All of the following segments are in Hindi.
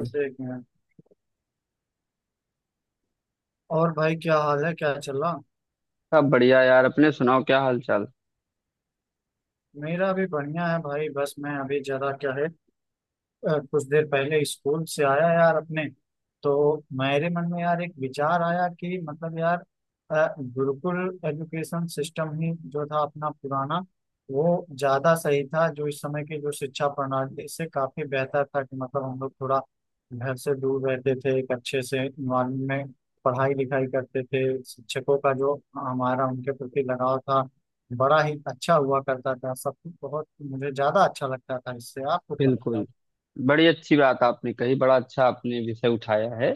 बस एक मिनट। और भाई, क्या हाल है, क्या चल रहा? सब बढ़िया यार, अपने सुनाओ, क्या हाल चाल। मेरा भी बढ़िया है भाई। बस मैं अभी जरा, क्या है, कुछ देर पहले स्कूल से आया यार। अपने तो मेरे मन में यार, एक विचार आया कि मतलब यार, गुरुकुल एजुकेशन सिस्टम ही जो था अपना पुराना, वो ज्यादा सही था। जो इस समय की जो शिक्षा प्रणाली से काफी बेहतर था। कि मतलब हम लोग थोड़ा घर से दूर रहते थे, एक अच्छे से इन्वायरमेंट में पढ़ाई लिखाई करते थे। शिक्षकों का जो हमारा उनके प्रति लगाव था, बड़ा ही अच्छा हुआ करता था। सब कुछ बहुत मुझे ज्यादा अच्छा लगता था इससे। आपको क्या लगता है? बिल्कुल। बड़ी अच्छी बात आपने कही, बड़ा अच्छा आपने विषय उठाया है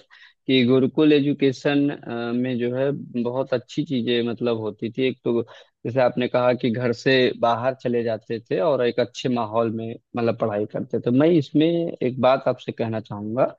कि गुरुकुल एजुकेशन में जो है बहुत अच्छी चीजें मतलब होती थी। एक तो जैसे आपने कहा कि घर से बाहर चले जाते थे और एक अच्छे माहौल में मतलब पढ़ाई करते थे। मैं इसमें एक बात आपसे कहना चाहूंगा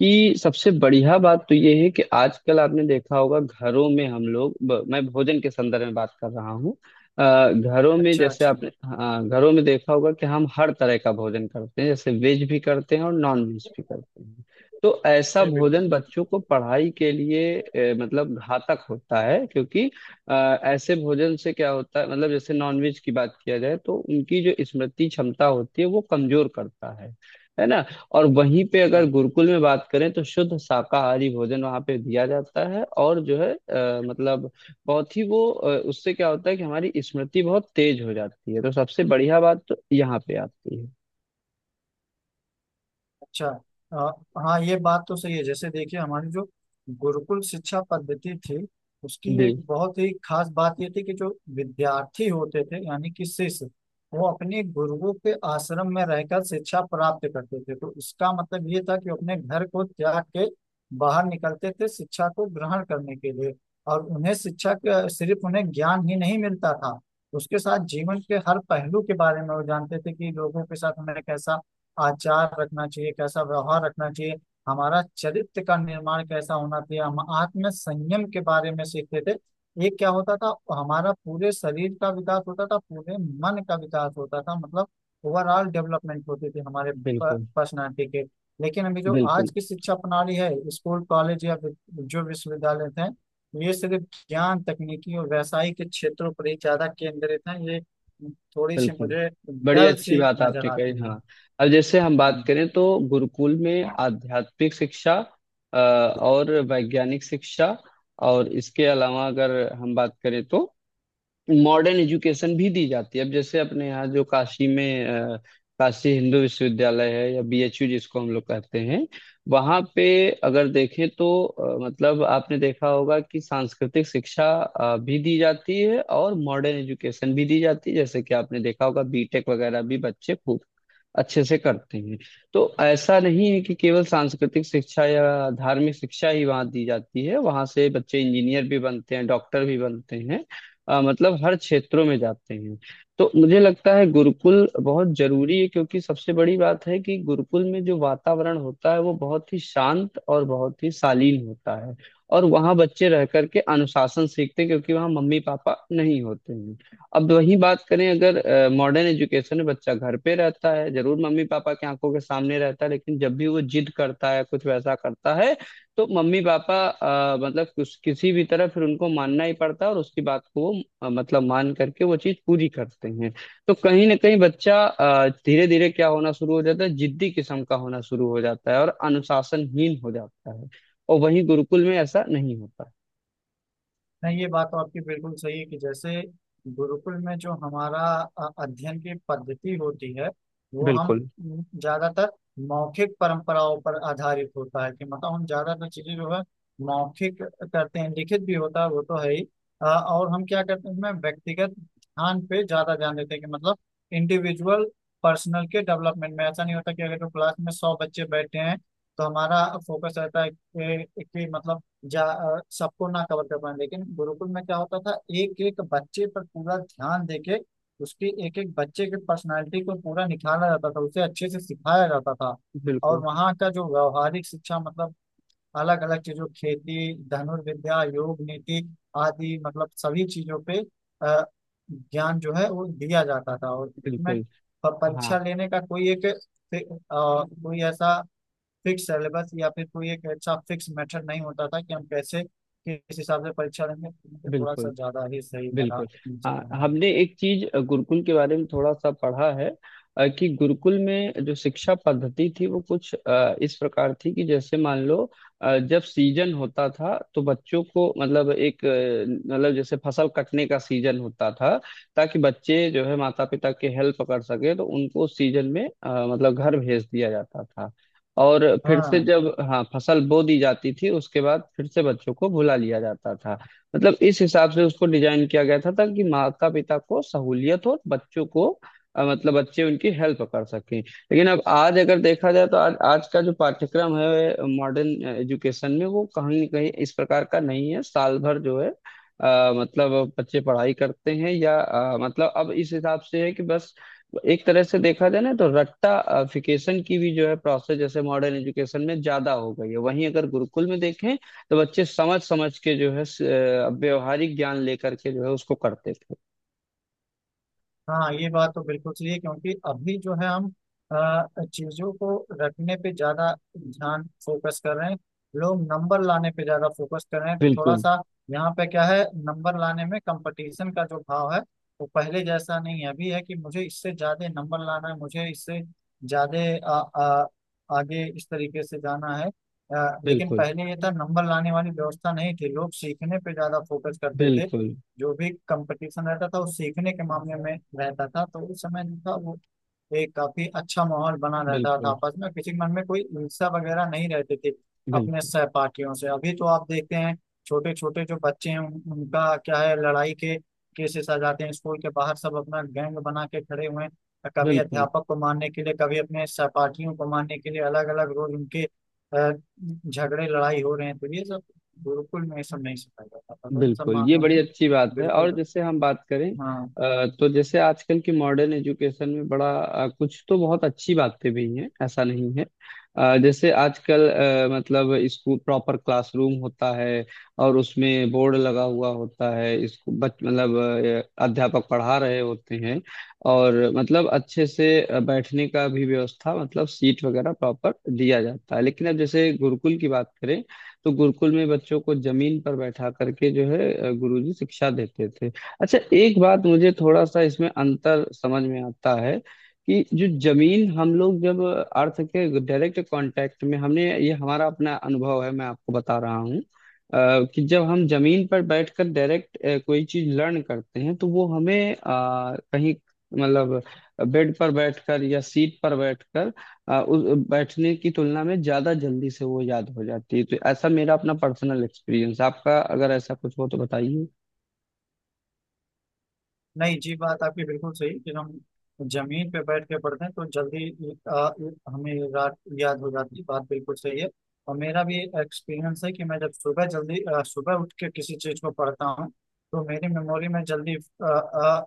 कि सबसे बढ़िया बात तो ये है कि आजकल आपने देखा होगा घरों में हम लोग मैं भोजन के संदर्भ में बात कर रहा हूँ। अ, घरों में अच्छा जैसे अच्छा। आपने हाँ, घरों में देखा होगा कि हम हर तरह का भोजन करते हैं, जैसे वेज भी करते हैं और नॉन वेज भी करते हैं। तो ऐसा जी बिल्कुल। भोजन बच्चों को पढ़ाई के लिए मतलब घातक होता है, क्योंकि अ, ऐसे भोजन से क्या होता है, मतलब जैसे नॉन वेज की बात किया जाए तो उनकी जो स्मृति क्षमता होती है वो कमजोर करता है ना। और वहीं पे अगर हाँ। गुरुकुल में बात करें तो शुद्ध शाकाहारी भोजन वहाँ पे दिया जाता है, और जो है मतलब बहुत ही वो उससे क्या होता है कि हमारी स्मृति बहुत तेज हो जाती है। तो सबसे बढ़िया बात तो यहाँ पे आती है। अच्छा। अ, हाँ, ये बात तो सही है। जैसे देखिए, हमारी जो गुरुकुल शिक्षा पद्धति थी, उसकी जी, एक बहुत ही खास बात ये थी कि जो विद्यार्थी होते थे यानी कि शिष्य, वो अपने गुरुओं के आश्रम में रहकर शिक्षा प्राप्त करते थे। तो इसका मतलब ये था कि वो अपने घर को त्याग के बाहर निकलते थे शिक्षा को ग्रहण करने के लिए। और उन्हें शिक्षा का सिर्फ उन्हें ज्ञान ही नहीं मिलता था, उसके साथ जीवन के हर पहलू के बारे में वो जानते थे कि लोगों के साथ उन्हें कैसा आचार रखना चाहिए, कैसा व्यवहार रखना चाहिए, हमारा चरित्र का निर्माण कैसा होना चाहिए। हम आत्म संयम के बारे में सीखते थे। ये क्या होता था? हमारा पूरे शरीर का विकास होता था, पूरे मन का विकास होता था। मतलब ओवरऑल डेवलपमेंट होती थी हमारे बिल्कुल। पर्सनालिटी के। लेकिन अभी जो बिल्कुल। आज की शिक्षा प्रणाली है, स्कूल, कॉलेज या जो विश्वविद्यालय हैं, ये सिर्फ ज्ञान तकनीकी और व्यावसायिक के क्षेत्रों पर ही ज्यादा केंद्रित हैं। ये थोड़ी सी बिल्कुल, मुझे बड़ी डल अच्छी सी बात नजर आपने कही, आती है। हाँ। अब जैसे हम बात हम्म। करें तो गुरुकुल में आध्यात्मिक शिक्षा और वैज्ञानिक शिक्षा, और इसके अलावा अगर हम बात करें तो मॉडर्न एजुकेशन भी दी जाती है। अब जैसे अपने यहाँ जो काशी में काशी हिंदू विश्वविद्यालय है, या बीएचयू जिसको हम लोग कहते हैं, वहाँ पे अगर देखें तो मतलब आपने देखा होगा कि सांस्कृतिक शिक्षा भी दी जाती है और मॉडर्न एजुकेशन भी दी जाती है, जैसे कि आपने देखा होगा बीटेक वगैरह भी बच्चे खूब अच्छे से करते हैं। तो ऐसा नहीं है कि केवल सांस्कृतिक शिक्षा या धार्मिक शिक्षा ही वहाँ दी जाती है, वहाँ से बच्चे इंजीनियर भी बनते हैं, डॉक्टर भी बनते हैं, मतलब हर क्षेत्रों में जाते हैं। तो मुझे लगता है गुरुकुल बहुत जरूरी है, क्योंकि सबसे बड़ी बात है कि गुरुकुल में जो वातावरण होता है वो बहुत ही शांत और बहुत ही शालीन होता है, और वहाँ बच्चे रह करके अनुशासन सीखते हैं, क्योंकि वहाँ मम्मी पापा नहीं होते हैं। अब वही बात करें, अगर मॉडर्न एजुकेशन में बच्चा घर पे रहता है, जरूर मम्मी पापा की आंखों के सामने रहता है, लेकिन जब भी वो जिद करता है, कुछ वैसा करता है, तो मम्मी पापा मतलब कुछ किसी भी तरह फिर उनको मानना ही पड़ता है, और उसकी बात को वो मतलब मान करके वो चीज पूरी करते हैं। तो कहीं ना कहीं बच्चा धीरे धीरे क्या होना शुरू हो जाता है, जिद्दी किस्म का होना शुरू हो जाता है और अनुशासनहीन हो जाता है। और वहीं गुरुकुल में ऐसा नहीं होता है। नहीं, ये बात तो आपकी बिल्कुल सही है। कि जैसे गुरुकुल में जो हमारा अध्ययन की पद्धति होती है, वो हम बिल्कुल, ज्यादातर मौखिक परंपराओं पर आधारित होता है। कि मतलब हम ज्यादातर चीजें जो है मौखिक करते हैं, लिखित भी होता है वो तो है ही। और हम क्या करते हैं, उसमें व्यक्तिगत ध्यान पे ज्यादा ध्यान देते हैं। कि मतलब इंडिविजुअल, पर्सनल के डेवलपमेंट में। ऐसा नहीं होता कि अगर जो क्लास में सौ बच्चे बैठे हैं, तो हमारा फोकस रहता है कि मतलब सबको ना कवर कर पाए। लेकिन गुरुकुल में क्या होता था, एक एक बच्चे पर पूरा ध्यान देके उसकी एक एक बच्चे की पर्सनालिटी को पूरा निखारा जाता था, उसे अच्छे से सिखाया जाता था। और बिल्कुल, वहाँ का जो व्यवहारिक शिक्षा मतलब, अलग अलग चीजों, खेती, धनुर्विद्या, योग, नीति आदि, मतलब सभी चीजों पे अ, ज्ञान जो है वो दिया जाता था। और उसमें बिल्कुल, हाँ। परीक्षा लेने का कोई एक, कोई ऐसा फिक्स सिलेबस या फिर कोई एक अच्छा फिक्स मेथड नहीं होता था कि हम कैसे किस हिसाब से परीक्षा देंगे। तो मुझे थोड़ा सा बिल्कुल, ज्यादा ही सही लगा बिल्कुल, इन सब हाँ, का नाम। हमने एक चीज गुरुकुल के बारे में थोड़ा सा पढ़ा है कि गुरुकुल में जो शिक्षा पद्धति थी वो कुछ इस प्रकार थी कि जैसे मान लो जब सीजन होता था तो बच्चों को मतलब मतलब जैसे फसल कटने का सीजन होता था, ताकि बच्चे जो है माता पिता के हेल्प कर सके तो उनको उस सीजन में मतलब घर भेज दिया जाता था। और फिर से हाँ। जब हाँ फसल बो दी जाती थी, उसके बाद फिर से बच्चों को बुला लिया जाता था। मतलब इस हिसाब से उसको डिजाइन किया गया था ताकि माता पिता को सहूलियत हो, और बच्चों को मतलब बच्चे उनकी हेल्प कर सकें। लेकिन अब आज अगर देखा जाए तो आज आज का जो पाठ्यक्रम है मॉडर्न एजुकेशन में वो कहीं न कहीं इस प्रकार का नहीं है। साल भर जो है मतलब बच्चे पढ़ाई करते हैं, या मतलब अब इस हिसाब से है कि बस एक तरह से देखा जाए ना तो रट्टाफिकेशन की भी जो है प्रोसेस जैसे मॉडर्न एजुकेशन में ज्यादा हो गई है। वहीं अगर गुरुकुल में देखें तो बच्चे समझ समझ के जो है व्यवहारिक ज्ञान लेकर के जो है उसको करते थे। हाँ, ये बात तो बिल्कुल सही है, क्योंकि अभी जो है हम चीजों को रखने पे ज्यादा ध्यान फोकस कर रहे हैं। लोग नंबर लाने पे ज्यादा फोकस कर रहे हैं थोड़ा बिल्कुल, सा। यहाँ पे क्या है, नंबर लाने में कंपटीशन का जो भाव है, वो पहले जैसा नहीं है। अभी है कि मुझे इससे ज्यादा नंबर लाना है, मुझे इससे ज्यादा आगे इस तरीके से जाना है। लेकिन बिल्कुल, पहले ये था, नंबर लाने वाली व्यवस्था नहीं थी। लोग सीखने पे ज्यादा फोकस करते थे। बिल्कुल, जो भी कंपटीशन रहता था वो सीखने के मामले में रहता था। तो उस समय जो था वो एक काफी अच्छा माहौल बना रहता था। बिल्कुल, आपस में किसी के मन में कोई ईर्ष्या वगैरह नहीं रहती थी अपने बिल्कुल, सहपाठियों से। अभी तो आप देखते हैं, छोटे छोटे जो बच्चे हैं उनका क्या है, लड़ाई के केसेस आ जाते हैं, स्कूल के बाहर सब अपना गैंग बना के खड़े हुए हैं, कभी बिल्कुल, अध्यापक को मारने के लिए, कभी अपने सहपाठियों को मारने के लिए, अलग अलग रोज उनके झगड़े लड़ाई हो रहे हैं। तो ये सब गुरुकुल में ये सब नहीं सिखाया जाता था। तो इन सब बिल्कुल, ये मामलों बड़ी में अच्छी बात है। बिल्कुल। और जैसे हम बात करें, हाँ। तो जैसे आजकल की मॉडर्न एजुकेशन में बड़ा कुछ तो बहुत अच्छी बातें भी हैं, ऐसा नहीं है। जैसे आजकल मतलब स्कूल प्रॉपर क्लासरूम होता है, और उसमें बोर्ड लगा हुआ होता है। स्कूल बच मतलब अ, अध्यापक पढ़ा रहे होते हैं, और मतलब अच्छे से बैठने का भी व्यवस्था मतलब सीट वगैरह प्रॉपर दिया जाता है। लेकिन अब जैसे गुरुकुल की बात करें तो गुरुकुल में बच्चों को जमीन पर बैठा करके जो है गुरुजी शिक्षा देते थे। अच्छा, एक बात मुझे थोड़ा सा इसमें अंतर समझ में आता है, कि जो जमीन हम लोग जब अर्थ के डायरेक्ट कांटेक्ट में, हमने ये हमारा अपना अनुभव है, मैं आपको बता रहा हूँ कि जब हम जमीन पर बैठकर डायरेक्ट कोई चीज लर्न करते हैं तो वो हमें अ, कहीं मतलब बेड पर बैठकर या सीट पर बैठकर आ, उस बैठने की तुलना में ज्यादा जल्दी से वो याद हो जाती है। तो ऐसा मेरा अपना पर्सनल एक्सपीरियंस, आपका अगर ऐसा कुछ हो तो बताइए। नहीं जी, बात आपकी बिल्कुल सही। फिर हम जमीन पे बैठ के पढ़ते हैं तो जल्दी आ, हमें रात याद हो जाती है, बात बिल्कुल सही है। और मेरा भी एक्सपीरियंस है कि मैं जब सुबह जल्दी, सुबह उठ के किसी चीज को पढ़ता हूँ, तो मेरी मेमोरी में जल्दी आ, आ,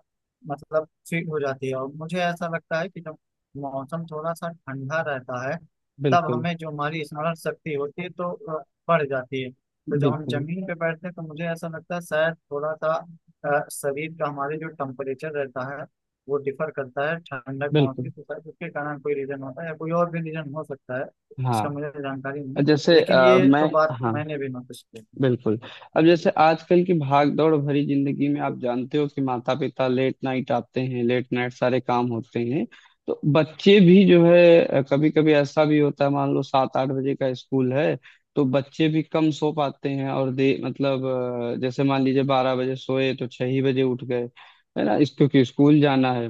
मतलब फिट हो जाती है। और मुझे ऐसा लगता है कि जब मौसम थोड़ा सा ठंडा रहता है, तब बिल्कुल, हमें जो हमारी स्मरण शक्ति होती है तो आ, बढ़ जाती है। तो जब हम बिल्कुल, जमीन पे बैठते हैं तो मुझे ऐसा लगता है शायद थोड़ा सा शरीर का हमारे जो टेम्परेचर रहता है वो डिफर करता है, ठंडक पहुंचती बिल्कुल, है, तो शायद उसके कारण कोई रीजन होता है, या कोई और भी रीजन हो सकता है। इसका मुझे हाँ। जानकारी नहीं है, जैसे लेकिन ये मैं, तो बात हाँ, मैंने भी नोटिस की बिल्कुल। अब जैसे है। आजकल की भाग दौड़ भरी जिंदगी में आप जानते हो कि माता पिता लेट नाइट आते हैं, लेट नाइट सारे काम होते हैं। तो बच्चे भी जो है कभी कभी ऐसा भी होता है, मान लो 7-8 बजे का स्कूल है, तो बच्चे भी कम सो पाते हैं, और जैसे मान लीजिए 12 बजे सोए तो 6 ही बजे उठ गए, है ना, इस क्योंकि स्कूल जाना है।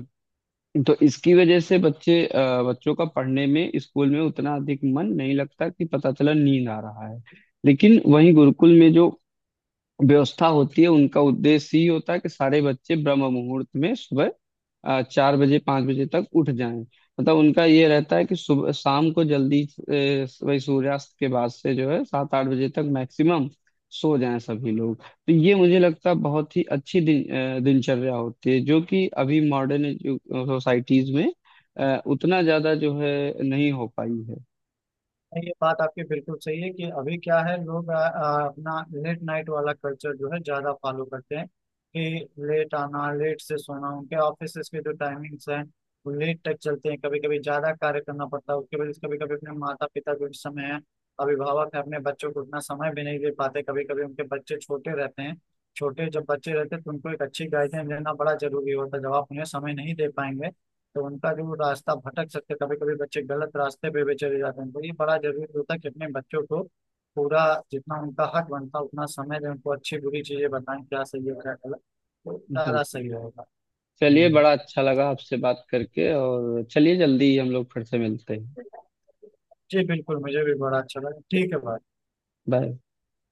तो इसकी वजह से बच्चों का पढ़ने में स्कूल में उतना अधिक मन नहीं लगता, कि पता चला नींद आ रहा है। लेकिन वहीं गुरुकुल में जो व्यवस्था होती है, उनका उद्देश्य ही होता है कि सारे बच्चे ब्रह्म मुहूर्त में सुबह 4 बजे 5 बजे तक उठ जाएं। मतलब उनका ये रहता है कि सुबह शाम को जल्दी, वही सूर्यास्त के बाद से जो है, 7-8 बजे तक मैक्सिमम सो जाएं सभी लोग। तो ये मुझे लगता है बहुत ही अच्छी दिनचर्या होती है, जो कि अभी मॉडर्न सोसाइटीज में उतना ज्यादा जो है नहीं हो पाई है। ये बात आपकी बिल्कुल सही है कि अभी क्या है, लोग अपना लेट नाइट वाला कल्चर जो है ज्यादा फॉलो करते हैं। कि लेट आना, लेट से सोना, उनके ऑफिस के जो टाइमिंग्स हैं वो लेट तक चलते हैं, कभी कभी ज्यादा कार्य करना पड़ता है। उसके वजह से कभी कभी अपने माता पिता जो इस समय है, अभिभावक है, अपने बच्चों को उतना समय भी नहीं दे पाते। कभी कभी उनके बच्चे छोटे रहते हैं। छोटे जब बच्चे रहते हैं तो उनको एक अच्छी गाइडेंस देना बड़ा जरूरी होता है। जब आप उन्हें समय नहीं दे पाएंगे तो उनका जो रास्ता भटक सकते, कभी कभी बच्चे गलत रास्ते पे भी चले जाते हैं। तो ये बड़ा जरूरी होता है कि अपने बच्चों को पूरा, जितना उनका हक बनता है उतना समय दें, उनको अच्छी बुरी चीजें बताएं, क्या सही है क्या गलत, तो ज्यादा बिल्कुल। सही रहेगा। चलिए, बड़ा हम्म। अच्छा लगा आपसे बात करके, और चलिए जल्दी हम लोग फिर से मिलते हैं। जी बिल्कुल, मुझे भी बड़ा अच्छा लगा। ठीक है भाई। बाय।